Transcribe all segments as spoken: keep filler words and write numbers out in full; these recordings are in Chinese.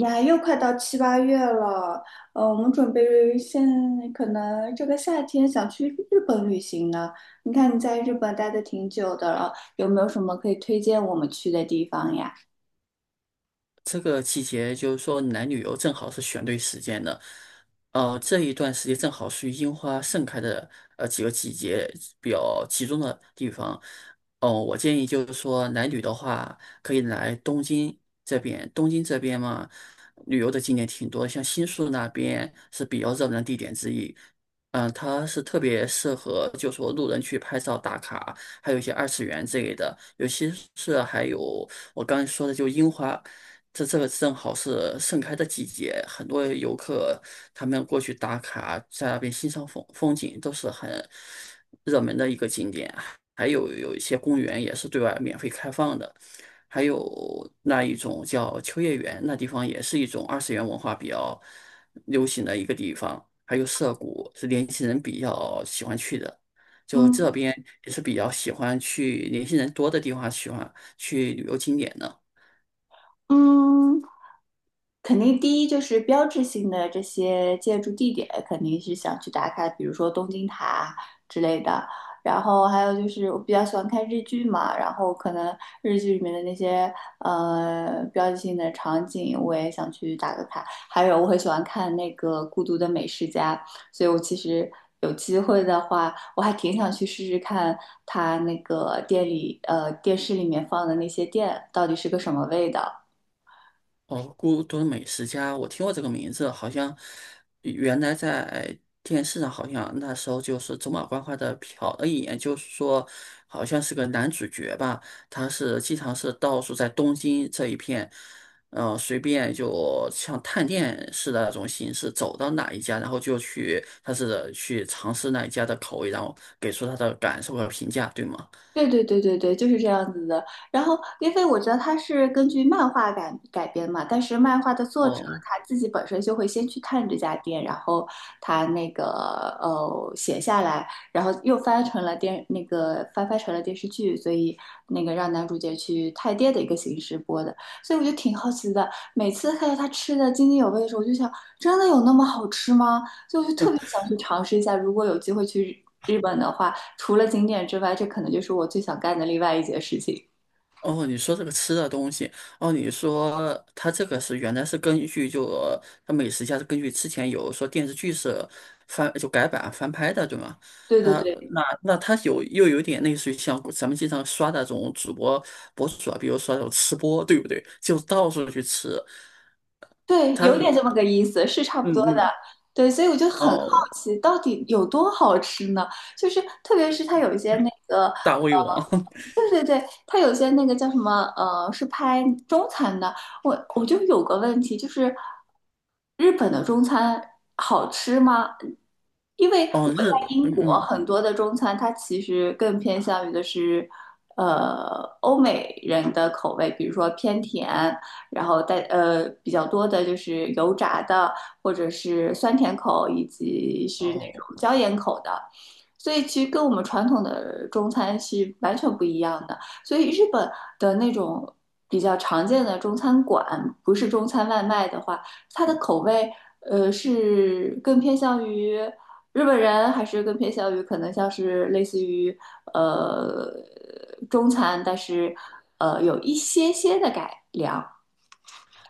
呀，又快到七八月了，呃，我们准备现可能这个夏天想去日本旅行呢。你看你在日本待的挺久的了，有没有什么可以推荐我们去的地方呀？这个季节就是说来旅游正好是选对时间的，呃，这一段时间正好属于樱花盛开的呃几个季节比较集中的地方。哦、我建议就是说来旅的话，可以来东京这边。东京这边嘛，旅游的景点挺多，像新宿那边是比较热门的地点之一。嗯、它是特别适合，就说路人去拍照打卡，还有一些二次元之类的，尤其是还有我刚才说的，就樱花。这这个正好是盛开的季节，很多游客他们过去打卡，在那边欣赏风风景都是很热门的一个景点。还有有一些公园也是对外免费开放的，还有那一种叫秋叶原，那地方也是一种二次元文化比较流行的一个地方。还有涩谷是年轻人比较喜欢去的，就这嗯边也是比较喜欢去年轻人多的地方，喜欢去旅游景点的。嗯，肯定第一就是标志性的这些建筑地点，肯定是想去打卡，比如说东京塔之类的。然后还有就是我比较喜欢看日剧嘛，然后可能日剧里面的那些呃标志性的场景，我也想去打个卡。还有我很喜欢看那个《孤独的美食家》，所以我其实有机会的话，我还挺想去试试看他那个店里呃电视里面放的那些店到底是个什么味道。哦，孤独美食家，我听过这个名字，好像原来在电视上，好像那时候就是走马观花的瞟了一眼，就是说好像是个男主角吧，他是经常是到处在东京这一片，嗯，随便就像探店似的那种形式，走到哪一家，然后就去，他是去尝试那一家的口味，然后给出他的感受和评价，对吗？对对对对对，就是这样子的。然后，因为我觉得它是根据漫画改改编嘛，但是漫画的作者哦。他自己本身就会先去看这家店，然后他那个呃写下来，然后又翻成了电那个翻拍成了电视剧，所以那个让男主角去探店的一个形式播的。所以我就挺好奇的，每次看到他吃的津津有味的时候，我就想，真的有那么好吃吗？所以我就特别想去尝试一下，如果有机会去日本的话。除了景点之外，这可能就是我最想干的另外一件事情。哦，你说这个吃的东西，哦，你说它这个是原来是根据就呃它美食家是根据之前有说电视剧是翻就改版翻拍的，对吗？对对它对那那它有又有点类似于像咱们经常刷那种主播博主啊，比如说那种吃播，对不对？就到处去吃，对，它有是点这么个意思，是差不多嗯的。嗯。对，所以我就很好哦，奇，到底有多好吃呢？就是特别是它有一些那个大呃胃王 对对，他有些那个叫什么，呃，是拍中餐的。我我就有个问题，就是日本的中餐好吃吗？因为哦。我在日英嗯国，嗯很多的中餐它其实更偏向于的是，呃，欧美人的口味，比如说偏甜，然后带呃比较多的就是油炸的，或者是酸甜口，以及是那哦。种椒盐口的。所以其实跟我们传统的中餐是完全不一样的。所以日本的那种比较常见的中餐馆，不是中餐外卖的话，它的口味呃是更偏向于日本人，还是更偏向于可能像是类似于呃中餐，但是呃有一些些的改良。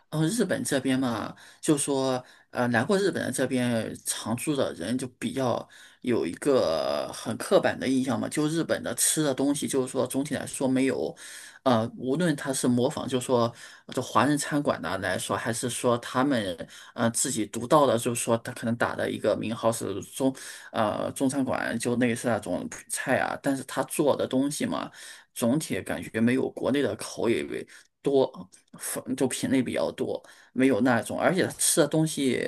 然后日本这边嘛，就说呃，来过日本的这边常住的人就比较有一个很刻板的印象嘛，就日本的吃的东西，就是说总体来说没有，呃，无论他是模仿，就说这华人餐馆的来说，还是说他们呃自己独到的，就是说他可能打的一个名号是中呃中餐馆，就类似那种菜啊，但是他做的东西嘛，总体感觉没有国内的口味。多，粉就品类比较多，没有那种，而且吃的东西，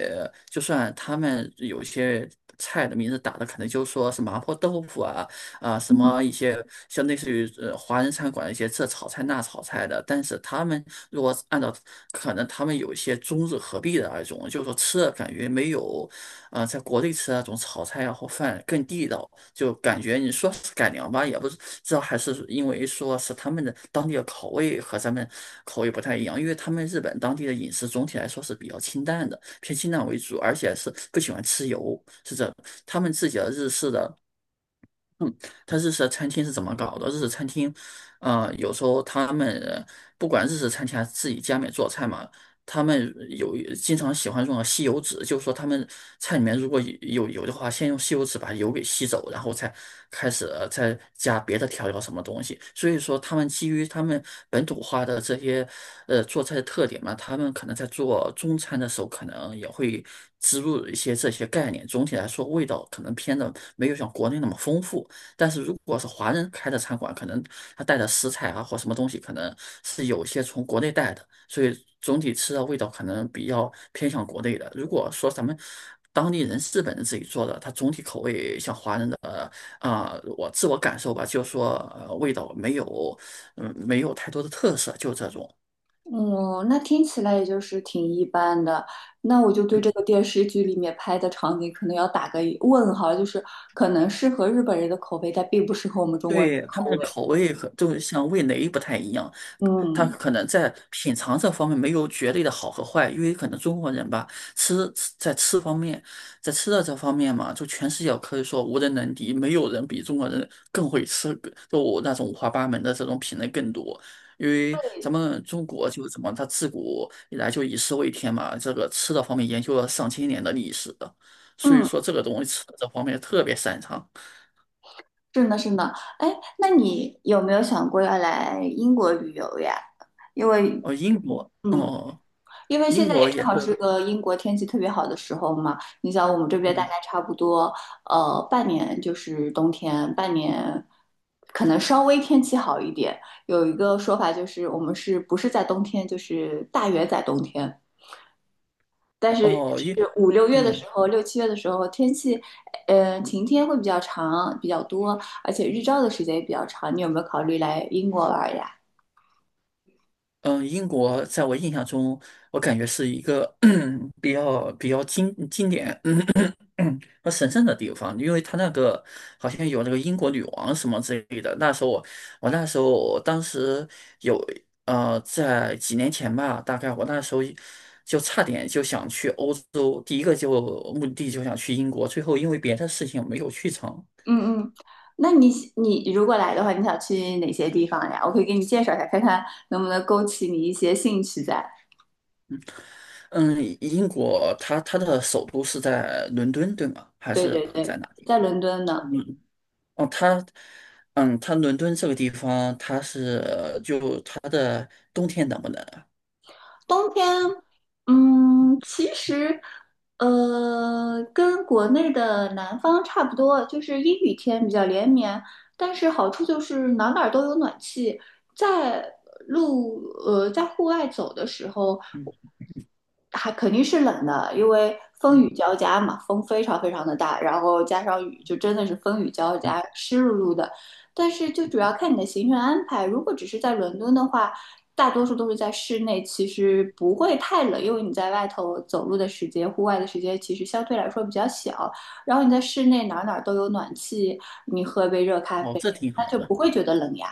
就算他们有些菜的名字打的可能就说是麻婆豆腐啊，啊什么一些像类似于呃华人餐馆一些这炒菜那炒菜的，但是他们如果按照可能他们有一些中日合璧的那种，就是说吃的感觉没有。啊，在国内吃那种炒菜啊或饭更地道，就感觉你说是改良吧，也不是，这还是因为说是他们的当地的口味和咱们口味不太一样，因为他们日本当地的饮食总体来说是比较清淡的，偏清淡为主，而且是不喜欢吃油，是这他们自己的日式的嗯，它日式餐厅是怎么搞的？日式餐厅，呃，有时候他们不管日式餐厅还是自己家里面做菜嘛，他们有经常喜欢用吸油纸，就是说他们菜里面如果有油的话，先用吸油纸把油给吸走，然后才开始呃再加别的调料什么东西。所以说，他们基于他们本土化的这些呃做菜的特点嘛，他们可能在做中餐的时候，可能也会植入一些这些概念。总体来说，味道可能偏的没有像国内那么丰富。但是如果是华人开的餐馆，可能他带的食材啊或什么东西，可能是有些从国内带的，所以总体吃的味道可能比较偏向国内的。如果说咱们当地人日本人自己做的，它总体口味像华人的啊、我自我感受吧，就是说、呃、味道没有，嗯，没有太多的特色，就这种。嗯，那听起来也就是挺一般的。那我就对这个电视剧里面拍的场景可能要打个问号，就是可能适合日本人的口味，但并不适合我们中国人的对，他们口的味。口味和就是像味蕾不太一样，他嗯可能在品尝这方面没有绝对的好和坏，因为可能中国人吧，吃吃在吃方面，在吃的这方面嘛，就全世界可以说无人能敌，没有人比中国人更会吃，就我那种五花八门的这种品类更多。因为咱们中国就怎么，它自古以来就以食为天嘛，这个吃的方面研究了上千年的历史的所以嗯，说这个东西吃的这方面特别擅长。是呢是呢，哎，那你有没有想过要来英国旅游呀？因为哦，英国。嗯，哦。因为现英在也国也正好是是，个英国天气特别好的时候嘛。你想我们这边大概嗯，差不多，呃，半年就是冬天，半年可能稍微天气好一点。有一个说法就是，我们是不是在冬天，就是大约在冬天。但是哦，英，就是五六月的时嗯候，六七月的时候，天气，呃，晴天会比较长，比较多，而且日照的时间也比较长。你有没有考虑来英国玩呀？嗯，呃英国在我印象中，我感觉是一个 比较比较经经典嗯和神圣的地方，因为它那个好像有那个英国女王什么之类的。那时候我我那时候我当时有呃在几年前吧，大概我那时候就差点就想去欧洲，第一个就目的地就想去英国，最后因为别的事情没有去成。嗯嗯，那你你如果来的话，你想去哪些地方呀？我可以给你介绍一下，看看能不能勾起你一些兴趣在。嗯，英国它它的首都是在伦敦，对吗？还对是对在对，哪在伦敦呢。嗯，哦，它，嗯，它伦敦这个地方，它是呃就它的冬天冷不冷啊？冬天，嗯，其实，呃，跟国内的南方差不多，就是阴雨天比较连绵，但是好处就是哪哪儿都有暖气，在路，呃，在户外走的时候，还肯定是冷的，因为风嗯雨交加嘛，风非常非常的大，然后加上雨，就真的是风雨交嗯，加，湿漉漉的。但是就主要看你的行程安排，如果只是在伦敦的话，大多数都是在室内，其实不会太冷，因为你在外头走路的时间、户外的时间其实相对来说比较小。然后你在室内哪儿哪儿都有暖气，你喝杯热咖哦，啡，这挺那好就的。不会觉得冷呀。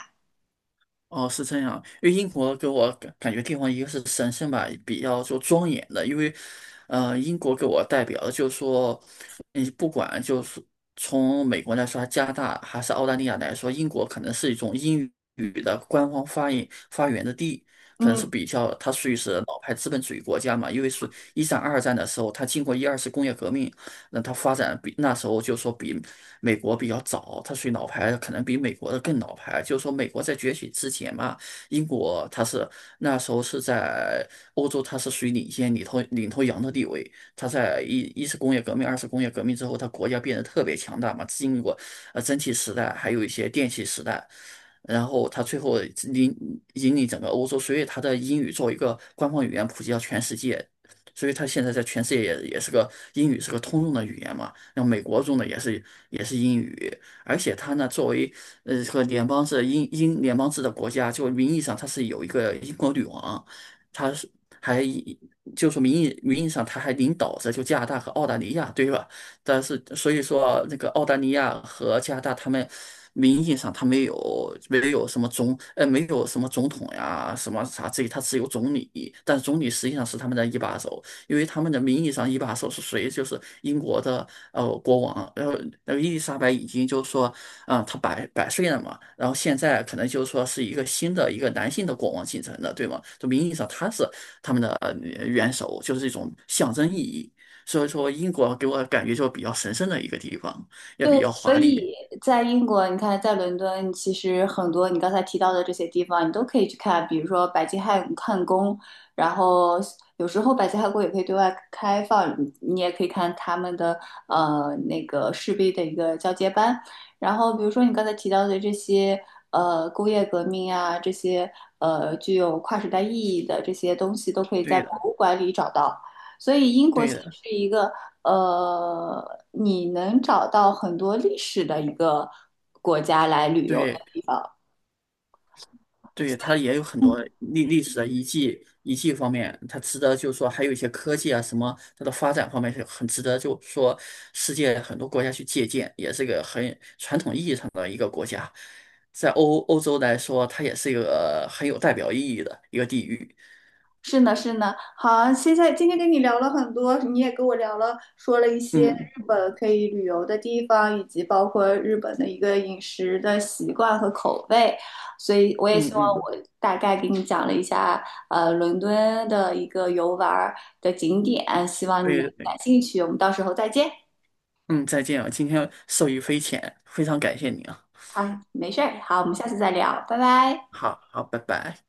哦，是这样，因为英国给我感感觉地方一个是神圣吧，比较就庄严的，因为，呃，英国给我代表的就是说，你不管就是从美国来说，加拿大还是澳大利亚来说，英国可能是一种英语的官方发音发源的地，可能是嗯，比较它属于是老牌资本主义国家嘛，因为是一战、二战的时候，它经过一二次工业革命，那它发展比那时候就说比美国比较早，它属于老牌，可能比美国的更老牌。就是说美国在崛起之前嘛，英国它是那时候是在欧洲，它是属于领先领头领头羊的地位。它在一一次工业革命、二次工业革命之后，它国家变得特别强大嘛，经历过呃蒸汽时代，还有一些电气时代。然后它最后引引领整个欧洲，所以它的英语作为一个官方语言普及到全世界，所以他现在在全世界也也是个英语是个通用的语言嘛。那美国用的也是也是英语，而且他呢作为呃和联邦制英英联邦制的国家，就名义上他是有一个英国女王，他是还以就说名义名义上他还领导着就加拿大和澳大利亚，对吧？但是所以说那个澳大利亚和加拿大他们。名义上他没有没有什么总呃没有什么总统呀什么啥这，他只有总理，但是总理实际上是他们的一把手。因为他们的名义上一把手是谁，就是英国的呃国王，然后那个伊丽莎白已经就是说，啊、她百百岁了嘛，然后现在可能就是说是一个新的一个男性的国王继承的，对吗？就名义上他是他们的呃元首，就是一种象征意义。所以说，英国给我感觉就比较神圣的一个地方，也比对，较所华丽。以在英国，你看，在伦敦，其实很多你刚才提到的这些地方，你都可以去看，比如说白金汉汉宫，然后有时候白金汉宫也可以对外开放，你你也可以看他们的呃那个士兵的一个交接班，然后比如说你刚才提到的这些呃工业革命啊，这些呃具有跨时代意义的这些东西，都可以在对博的，物馆里找到，所以英国其对的，实是一个。呃，你能找到很多历史的一个国家来旅游的对。地方。对，它也有很多嗯，历历史的遗迹，遗迹方面，它值得就是说，还有一些科技啊什么，它的发展方面是很值得，就是说世界很多国家去借鉴，也是个很传统意义上的一个国家，在欧欧洲来说，它也是一个很有代表意义的一个地域。是呢，是呢。好，现在今天跟你聊了很多，你也跟我聊了，说了一些嗯日本可以旅游的地方，以及包括日本的一个饮食的习惯和口味。所以我也嗯希望嗯，我大概给你讲了一下，呃，伦敦的一个游玩儿的景点，希望你能对感对，兴趣。我们到时候再见。嗯，再见啊，今天受益匪浅，非常感谢你啊，好，没事儿。好，我们下次再聊，拜拜。好好，拜拜。